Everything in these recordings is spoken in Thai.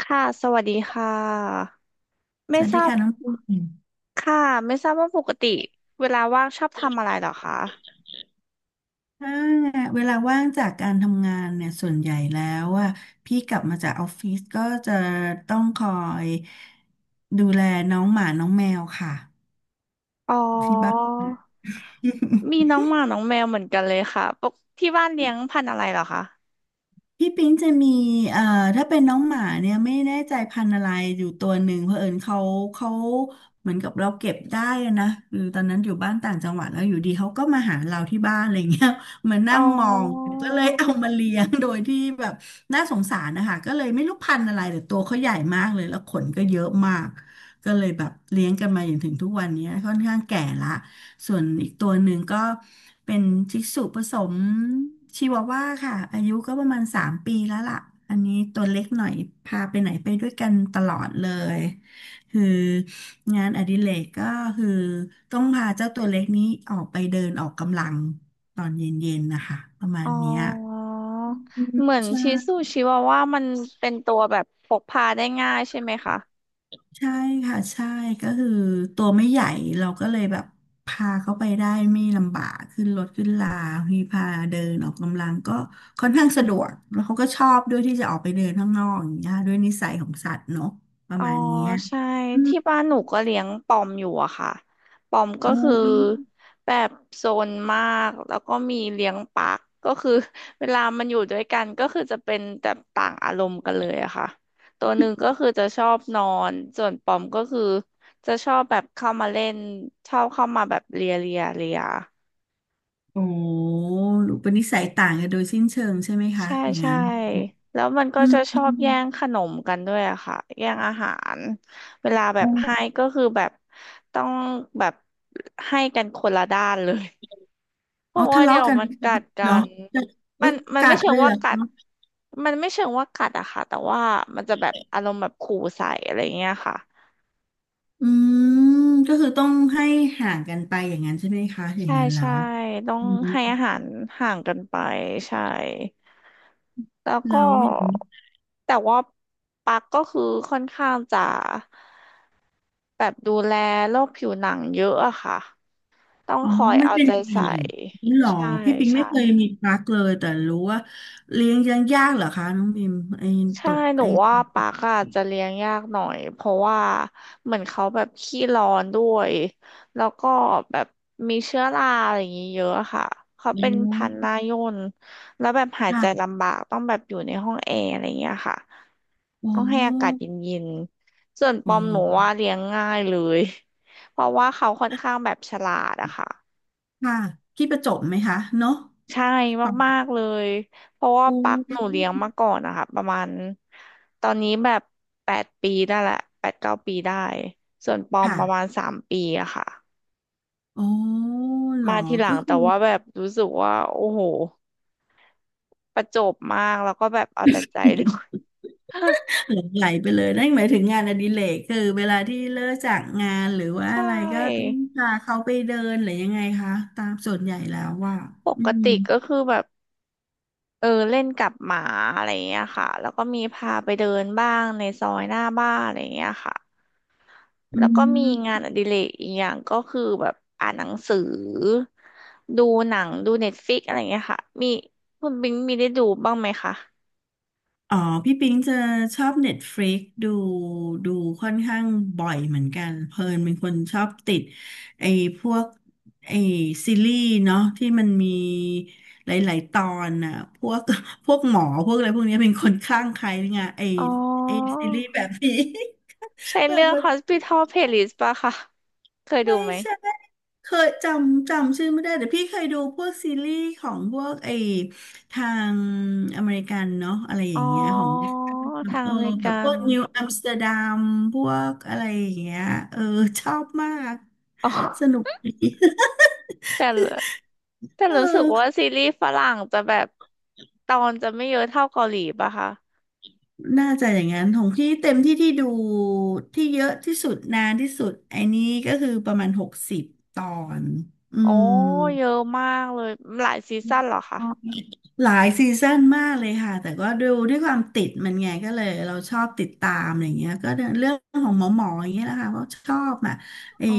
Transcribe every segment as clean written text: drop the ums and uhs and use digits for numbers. ค่ะสวัสดีค่ะสไม่วัสทดีราบค่ะน้องปิ่งค่ะไม่ทราบว่าปกติเวลาว่างชอบทำอะไรเหรอคะถ้าเวลาว่างจากการทำงานเนี่ยส่วนใหญ่แล้วอ่ะพี่กลับมาจากออฟฟิศก็จะต้องคอยดูแลน้องหมาน้องแมวค่ะอ๋อที่บ้าน มีน้องหมาน้องแมวเหมือนกันเลยค่ะปกที่บ้านเลี้ยงพันธุ์อะไรเหรอคะพี่ปิ๊งจะมีเอ่อถ้าเป็นน้องหมาเนี่ยไม่แน่ใจพันธุ์อะไรอยู่ตัวหนึ่งเผอิญเขาเหมือนกับเราเก็บได้อะนะคือตอนนั้นอยู่บ้านต่างจังหวัดแล้วอยู่ดีเขาก็มาหาเราที่บ้านอะไรเงี้ย มาอ๋นั่งมองอก็เลยเอามาเลี้ยงโดยที่แบบน่าสงสารนะคะก็เลยไม่รู้พันธุ์อะไรแต่ตัวเขาใหญ่มากเลยแล้วขนก็เยอะมากก็เลยแบบเลี้ยงกันมาอย่างถึงทุกวันนี้ค่อนข้างแก่ละ ส่วนอีกตัวหนึ่งก็เป็นชิสุผสมชิวาว่าค่ะอายุก็ประมาณ3 ปีแล้วล่ะอันนี้ตัวเล็กหน่อยพาไปไหนไปด้วยกันตลอดเลยคืองานอดิเรกก็คือต้องพาเจ้าตัวเล็กนี้ออกไปเดินออกกำลังตอนเย็นๆนะคะประมาอ๋ณอเนี้ยอืมเหมือนใช่ ชิสุชิวาว่ามันเป็นตัวแบบพกพาได้ง่ายใช่ไหมคะ ใช่ค่ะใช่ก็คือตัวไม่ใหญ่เราก็เลยแบบพาเขาไปได้ไม่ลำบากขึ้นรถขึ้นลามีพาเดินออกกำลังก็ค่อนข้างสะดวกแล้วเขาก็ชอบด้วยที่จะออกไปเดินข้างนอกอย่างเงี้ยด้วยนิสัยของสัตว์เนาะประอ๋อมาณเนี้ยใช่อืมที่บ้านหนูก็เลี้ยงปอมอยู่อะค่ะปอมโอก็คือ้แบบโซนมากแล้วก็มีเลี้ยงปักก็คือ เวลามันอยู่ด้วยกันก็คือจะเป็นแต่ต่างอารมณ์กันเลยอะค่ะตัวหนึ่งก็คือจะชอบนอนส่วนปอมก็คือจะชอบแบบเข้ามาเล่นชอบเข้ามาแบบเลียเลียเลีย โอ้หรือเป็นนิสัยต่างกันโดยสิ้นเชิงใช่ไหมคะใช่อย่างใช่นั้นแล้วมันก็อืมจะชอือบมแย่งขนมกันด้วยอะค่ะแย่งอาหารเวลาแบบโอ้ให้ก็คือแบบต้องแบบให้กันคนละด้านเลยเพอ๋อราะว่าทะเดี๋เลาะยวกันมันกัดกัเหรอนมัอุ๊นยมันกัไม่ดเชิเลงยเหว่ารอ กัดมันไม่เชิงว่ากัดอะค่ะแต่ว่ามันจะแบบอารมณ์แบบขู่ใส่อะไรเงี้ยค่ะอืมก็คือต้องให้ห่างกันไปอย่างนั้นใช่ไหมคะอย่างใช่นั้นแล้ใช่วต้องอืมให้อาหารห่างกันไปใช่แล้วก็แล้วอย่างนี้แต่ว่าปักก็คือค่อนข้างจะ แบบดูแลโรคผิวหนังเยอะอะค่ะ ต้องอ๋อคอยมันเอาเป็นใจยังไงใส่ นี่หรอใช่พี่ปิงไม่ใช่เคยมีปลั๊กเลยแต่รู้ว่าเลี้ยงยังยากเหรอคะน้องบิมไอ้ตใช่บหนูว่าปากอะจจะเลี้ยงยากหน่อยเพราะว่าเหมือนเขาแบบขี้ร้อนด้วย แล้วก็แบบมีเชื้อราอะไรอย่างงี้เยอะอะค่ะเขาอ๋เป็นพันธุ์หอน้าย่นแล้วแบบหายใจค่ะลำบากต้องแบบอยู่ในห้องแอร์อะไรอย่างเงี้ยค่ะอ๋ต้องให้อากาศอเย็นๆส่วนปอ๋อมหนูอว่าเลี้ยงง่ายเลย เพราะว่าเขาค่อนข้างแบบฉลาดอะค่ะ ค่ะที่ประจบไหมคะเนาะใช่ปังมากๆเลยเพราะว่าปูปักหนูเลี้ยงมาก่อนนะคะประมาณตอนนี้แบบแปดปีได้แหละแปดเก้าปีได้ส่วนปอมค่ะประมาณสามปีอะค่ะอ๋อเหรอมาทีหลัก็งคืแต่อ ว่าแบบรู้สึกว่าโอ้โหประจบมากแล้วก็แบบเอาแต่ใจด้วย หลงไหลไปเลยนั่นหมายถึงงานอดิเรกคือเวลาที่เลิกจากงานหรือว่าใชอะไรก็ต้อง่พาเขาไปเดินหรือยังไงคะตามส่วนใหญ่แล้วว่าปอืกมติก็คือแบบเออเล่นกับหมาอะไรอย่างเงี้ยค่ะแล้วก็มีพาไปเดินบ้างในซอยหน้าบ้านอะไรอย่างเงี้ยค่ะ อืแล้วก็มีงามนอดิเรกอีกอย่างก็คือแบบอ่านหนังสือดูหนังดูเน็ตฟ i ิกอะไรเงี้ยค่ะมีคุณบิงมีได้ดูบ้างไหมคะอ๋อพี่ปิงจะชอบเน็ตฟ i ิกดูค่อนข้างบ่อยเหมือนกันเพลินเป็นคนชอบติดไอ้พวกไอ้ซีรีส์เนาะที่มันมีหลายๆตอนน่ะพวก พวกหมอพวกอะไรพวกเนี้ยเป็นคนข้างใครงานไอ้อ๋อไอ้ซีรีส์แบบนี้ ใช่ แบเรื่บ อง Hospital Playlist ป่ะคะเคยดูไม่ไหมใช่ เคยจำชื่อไม่ได้แต่พี่เคยดูพวกซีรีส์ของพวกทางอเมริกันเนาะอะไรออ๋ย่างเงี้ยของอทางเอออเมริแบกับพวนกนิวอัมสเตอร์ดัมพวกอะไรอย่างเงี้ยเออชอบมากอ๋สอนุกดี แต่ละแต่ รู้สึกเอว่าอซีรีส์ฝรั่งจะแบบตอนจะไม่เยอะเท่าเกาหลีป่ะคะน่าจะอย่างนั้นของพี่เต็มที่ที่ดูที่เยอะที่สุดนานที่สุดไอ้นี้ก็คือประมาณ60 ตอนอือ๋อม เยอะมากเลยหลายซีซั่นเหรอคะหลายซีซั่นมากเลยค่ะแต่ก็ดูด้วยความติดมันไงก็เลยเราชอบติดตามอะไรเงี้ยก็เรื่องของหมออย่างเงี้ยแหละค่ะเพราะชอบอ่ะไอ้อ๋อ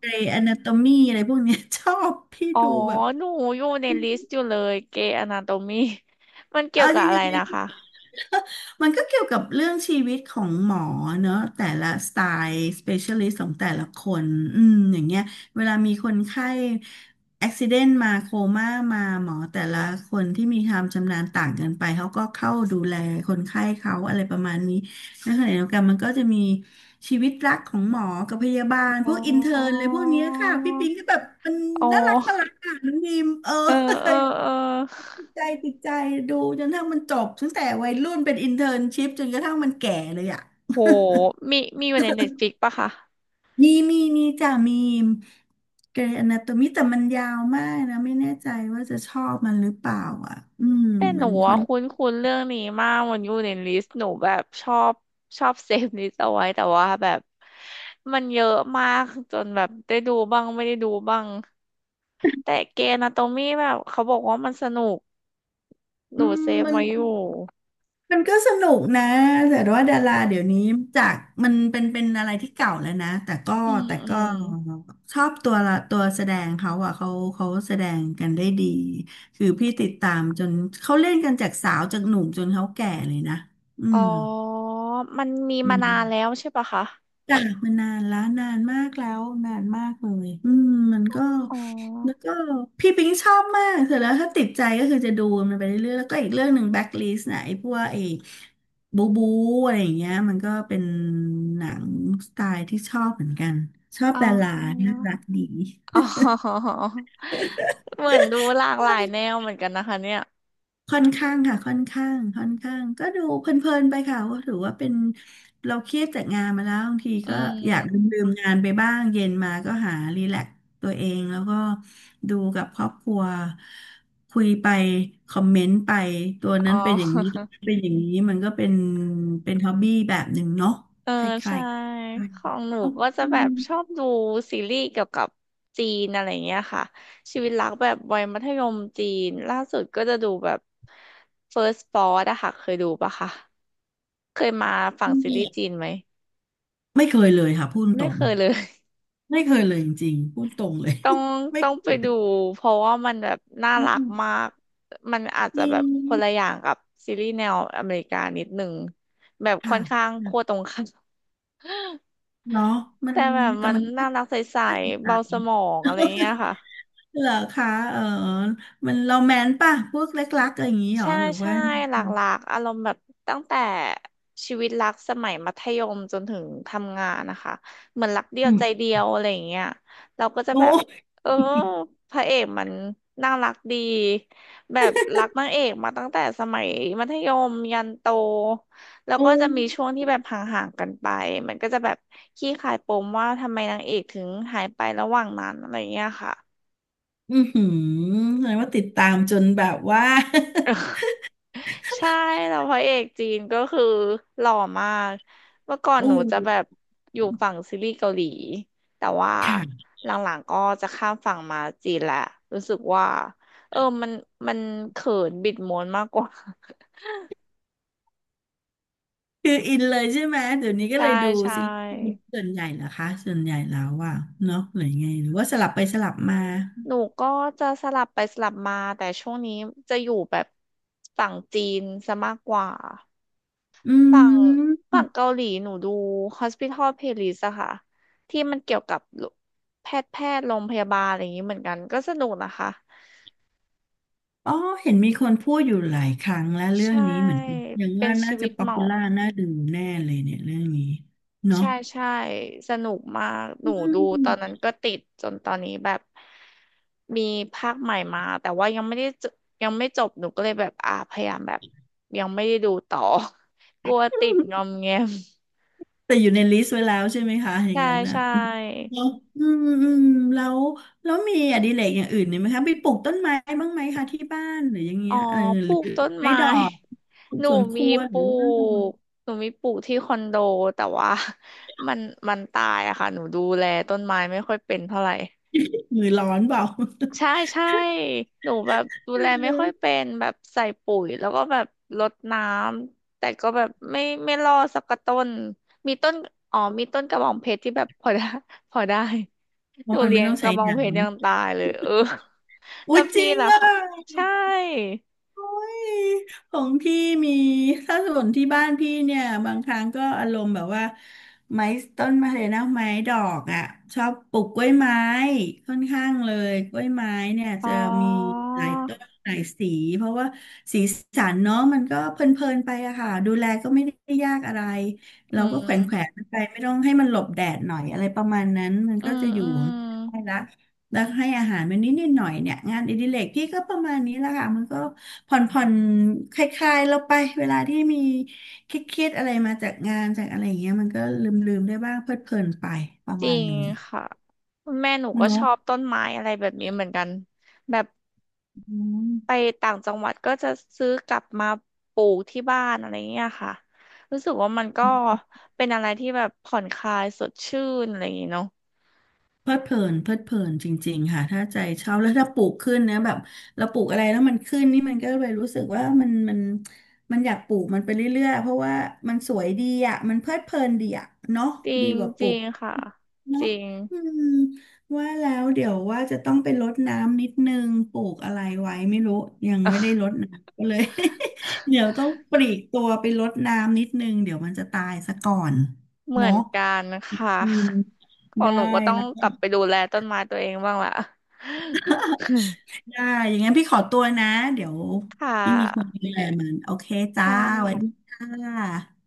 ไอ้อนาโตมีอะไรพวกเนี้ย ชอบพี่อ๋อดูแบบ หนูอยู่ในลิสต์อยู่เลยเกย์อนาโตมี มันเกี่ยเอาวกัจบรอะไริงนะๆ คะ มันก็เกี่ยวกับเรื่องชีวิตของหมอเนอะ แต่ละสไตล์ specialist ของแต่ละคนอืมอย่างเงี้ยเวลามีคนไข้ accident มาโคม่ามาหมอแต่ละคนที่มีความชำนาญต่างกันไปเขาก็เข้าดูแลคนไข้เขาอะไรประมาณนี้ แล้วขณะเดียวกันมันก็จะมีชีวิตรักของหมอกับพยาบาลพอ๋วอกอินเทอร์นเลยพวกเนี้ยค่ะพี่ปิงก็แบบมันอ๋อน่ารักอ่ะน้องดีมเอเออเอออเออติดใจติดใจดูจนกระทั่งมันจบตั้งแต่วัยรุ่นเป็นอินเทอร์นชิพจนกระทั่งมันแก่เลยอ่ะโหมีมีอยู่ในเน็ตฟ i ิกปะคะมีจ้ะมีเกรย์อนาโตมีแต่มันยาวมากนะไม่แน่ใจว่าจะชอบมันหรือเปล่าอ่ะอืมแต่หมันูนค่อะอนคุ้นคุ้นเรื่องนี้มากมันอยู่ในลิสต์หนูแบบชอบชอบเซฟลิสต์เอาไว้แต่ว่าแบบมันเยอะมากจนแบบได้ดูบ้างไม่ได้ดูบ้างแต่เกย์อนาโตมีแบบเขาบอกว่ามันสนุกหอืนูเซมฟมัน ไว้อยู่มันก็สนุกนะแต่ว่าดาราเดี๋ยวนี้จากมันเป็นอะไรที่เก่าแล้วนะแต่ก็อืมแต่อืก็ม ชอบตัวละตัวแสดงเขาอ่ะเขาแสดงกันได้ดีคือพี่ติดตามจนเขาเล่นกันจากสาวจากหนุ่มจนเขาแก่เลยนะอือ๋อมันมีมาม นานแล้วใช่ปะคะจ้ะมันนานแล้วนานมากแล้วนานมากเลยอืมมันก็อ๋อแล้วก็พี่ปิงชอบมากเสร็จแล้วถ้าติดใจก็คือจะดูมันไปเรื่อยๆแล้วก็อีกเรื่องหนึ่งแบ็คลิสต์นะไอ้พวกไอ้บูบูอะไรอย่างเงี้ยมันก็เป็นหนังสไตล์ที่ชอบเหมือนกันชอบอ๋อดาราน่ารักดี อ๋อเหมือนดูหลากหลายแนวเหมือนกันนะคะเนี่ย ค่อนข้างค่ะค่อนข้างก็ดูเพลินๆไปค่ะว่าถือว่าเป็นเราเครียดจากงานมาแล้วบางทีอืก็อยากลมืมๆงานไปบ้างเย็นมาก็หารีแลกซ์ตัวเองแล้วก็ดูกับครอบครัวคุยไปคอมเมนต์ไปตัวอ๋นั้อนเป็นอย่างนี้ตัวนั้นเป็นอย่างนี้มันก็เป็นฮ็อบบี้แบบหนึ่งเนาะเออคล้าใช่ ยๆกันของหนูเนาะก็จะอืแบมบชอบดูซีรีส์เกี่ยวกับจีนอะไรเงี้ยค่ะชีวิตรักแบบวัยมัธยมจีน ล่าสุดก็จะดูแบบ First Spot อะค่ะเคยดูปะคะ เคยมาฝั่อืงซีรีส์จีมนไหม ไม่เคยเลยค่ะพูดตไม่รงเคยเลย ไม่เคยเลยจริงๆพูดตรงเลย ต้อง ไม่ต้องไปดูเพราะว่ามันแบบน่าอืรักมมาก มันอาจจจะริแบบคนละง อย่างกับซีรีส์แนวอเมริกานิดหนึ่งแบบค่ค่ะอนข้างขั้วค่ะตรงข้ามเนาะมันแต่แบบแต่มันมันก็น่ารักใสน่าสนๆใจเบาสมองอะไรเงี้ยค่ะ เหรอคะเออมันโรแมนต์ป่ะพวกเล็กรักอะไรอย่างนี้หรอใช่หรือใช่ว่าหลากหลากอารมณ์แบบตั้งแต่ชีวิตรักสมัยมัธยมจนถึงทำงานนะคะเหมือนรักเดียอืวมใจเดียวอะไรอย่างเงี้ยเราก็จะแบบโอ้เออพระเอกมันน่ารักดีแบบรักนางเอกมาตั้งแต่สมัยมัธยมยันโตแล้วโอ้ก็จะมีช่วงที่แบบห่างๆกันไปมันก็จะแบบขี้คายปมว่าทำไมนางเอกถึงหายไประหว่างนั้นอะไรอย่างเงี้ยค่ะ อือหือแสดงว่าติดตามจนแบบว่า ใช่แล้วพระเอกจีนก็คือหล่อมากเมื่อก่อน หอู้นูจะแบบอยู่ฝั่งซีรีส์เกาหลีแต่ว่าค่ะหลังๆก็จะข้ามฝั่งมาจีนแหละรู้สึกว่าเออมันเขินบิดม้วนมากกว่า คืออินเลยใช่ไหม เดี๋ยวนี้ก็ใช่เลยดูใชซีรี่ส์ส่วนใหญ่เหรอคะส่วนใหญ่แล้วอ่ะเนาะหรือไงหรือว่าสลับไปสลับมาหนูก็จะสลับไปสลับมาแต่ช่วงนี้จะอยู่แบบฝั่งจีนซะมากกว่า อืฝั่งฝั่ม งเกาหลีหนูดู Hospital Playlist อะค่ะที่มันเกี่ยวกับแพทย์โรงพยาบาลอะไรอย่างนี้เหมือนกันก็สนุกนะคะอ๋อเห็นมีคนพูดอยู่หลายครั้งแล้วเรื่องใช่นี้เหมือนกันยังเป็ว่านน่าชีจะวิตป๊อหปมอปูล่าน่าดูแน่เลยเนี่ยเรื่องนี้เนาะใช่ใช่สนุกมากหอืนูดูม ตอ นนั้นก็ติดจนตอนนี้แบบมีภาคใหม่มาแต่ว่ายังไม่ได้จยังไม่จบหนูก็เลยแบบอ่าพยายามแบบยังไม่ได้ดูต่อ กลัวติดงอมแงม แต่อยู่ในลิสต์ไว้แล้วใช่ไหมคะอย่างใช่นั้นน่ะใช่ เนาะอืมอืมแล้วแล้วมีอดิเรกอย่างอื่นเนี่ยไหมคะไปปลูกต้นไม้บ้างไหมคะที่บ้านหรืออย่างเงี้อ๋อยเออปหลูรือกต้นไม้ไม้ ดอกปลู หกนูสวนคมีรัวปหรืลูอว่ากที่คอนโดแต่ว่า มันตายอะค่ะหนูดูแลต้นไม้ไม่ค่อยเป็นเท่าไหร่มือร้อนเปล่า ใช่ใช่หนูแบบดูแลไม่ค่อยเป็ นแบบใส่ปุ๋ยแล้วก็แบบรดน้ำแต่ก็แบบไม่รอดสักกระต้นมีต้นอ๋อมีต้นกระบองเพชรที่แบบพอได้ พอได้เพหนูราะมันเลี้ไม่ยงต้องกใช้ระบองน้ เพชรยังตายเลยเอออุ๊แล้วยจพี่ริงล่ะอ่ะคะใช่ โอ้ยของพี่มีถ้าส่วนที่บ้านพี่เนี่ยบางครั้งก็อารมณ์แบบว่าไม้ต้นมะเลยนะไม้ดอกอ่ะชอบปลูกกล้วยไม้ค่อนข้างเลยกล้วยไม้เนี่ยอ๋จะอมีหลายต้นหลายสีเพราะว่าสีสันเนาะมันก็เพลินๆไปอะค่ะดูแลก็ไม่ได้ยากอะไรอืเราก็แขวมนๆมันไปไม่ต้องให้มันหลบแดดหน่อยอะไรประมาณนั้นมันอืก็มจะอยู่อืขอม งมันได้ละ แล้วให้อาหารมันนิดนิดหน่อยเนี่ยงานอดิเรกพี่ก็ประมาณนี้แหละค่ะมันก็ผ่อนผ่อนคลายๆเราไปเวลาที่มีเครียดๆอะไรมาจากงานจากอะไรอย่างเงี้ยมันก็ลืมๆได้บ้างเพลิดเพลินไปประจมาริณงนึงค่ะแม่หนูก็ชเนาะ อบต้นไม้อะไรแบบนี้เหมือนกันแบบไปต่างจังหวัดก็จะซื้อกลับมาปลูกที่บ้านอะไรเงี้ยค่ะรู้สึกว่ามันก็เป็นอะไรที่แบบผ่อนคลายสดชื่นอะไรอย่างงี้เนาะเพลิดเพลินเพลิดเพลินจริงๆค่ะถ้าใจชอบแล้วถ้าปลูกขึ้นนะแบบเราปลูกอะไรแล้วมันขึ้นนี่มันก็เลยรู้สึกว่ามันมันอยากปลูกมันไปเรื่อยๆเพราะว่ามันสวยดีอ่ะมันเพลิดเพลินดีอ่ะเนาะจริดีงกว่าปจลูริกงค่ะจเนาะริงอืมว่าแล้วเดี๋ยวว่าจะต้องไปรดน้ำนิดนึงปลูกอะไรไว้ไม่รู้ยังไม่ได้รดน้ำก็เลย เดี๋ยวต้องปลีกตัวไปรดน้ำนิดนึงเดี๋ยวมันจะตายซะก่อนเหมือเนาะนกันค่ะอืมของได้ หนูก็ต้องกลับไปดูแลต้นไม้ตัวเองบ้างละ ได้ อย่างงั้นพี่ขอตัวนะ เดี๋ยว ค่ไม่มีคนะดูแลมัน โอเคจ้าค่สวัสดีะค่ะ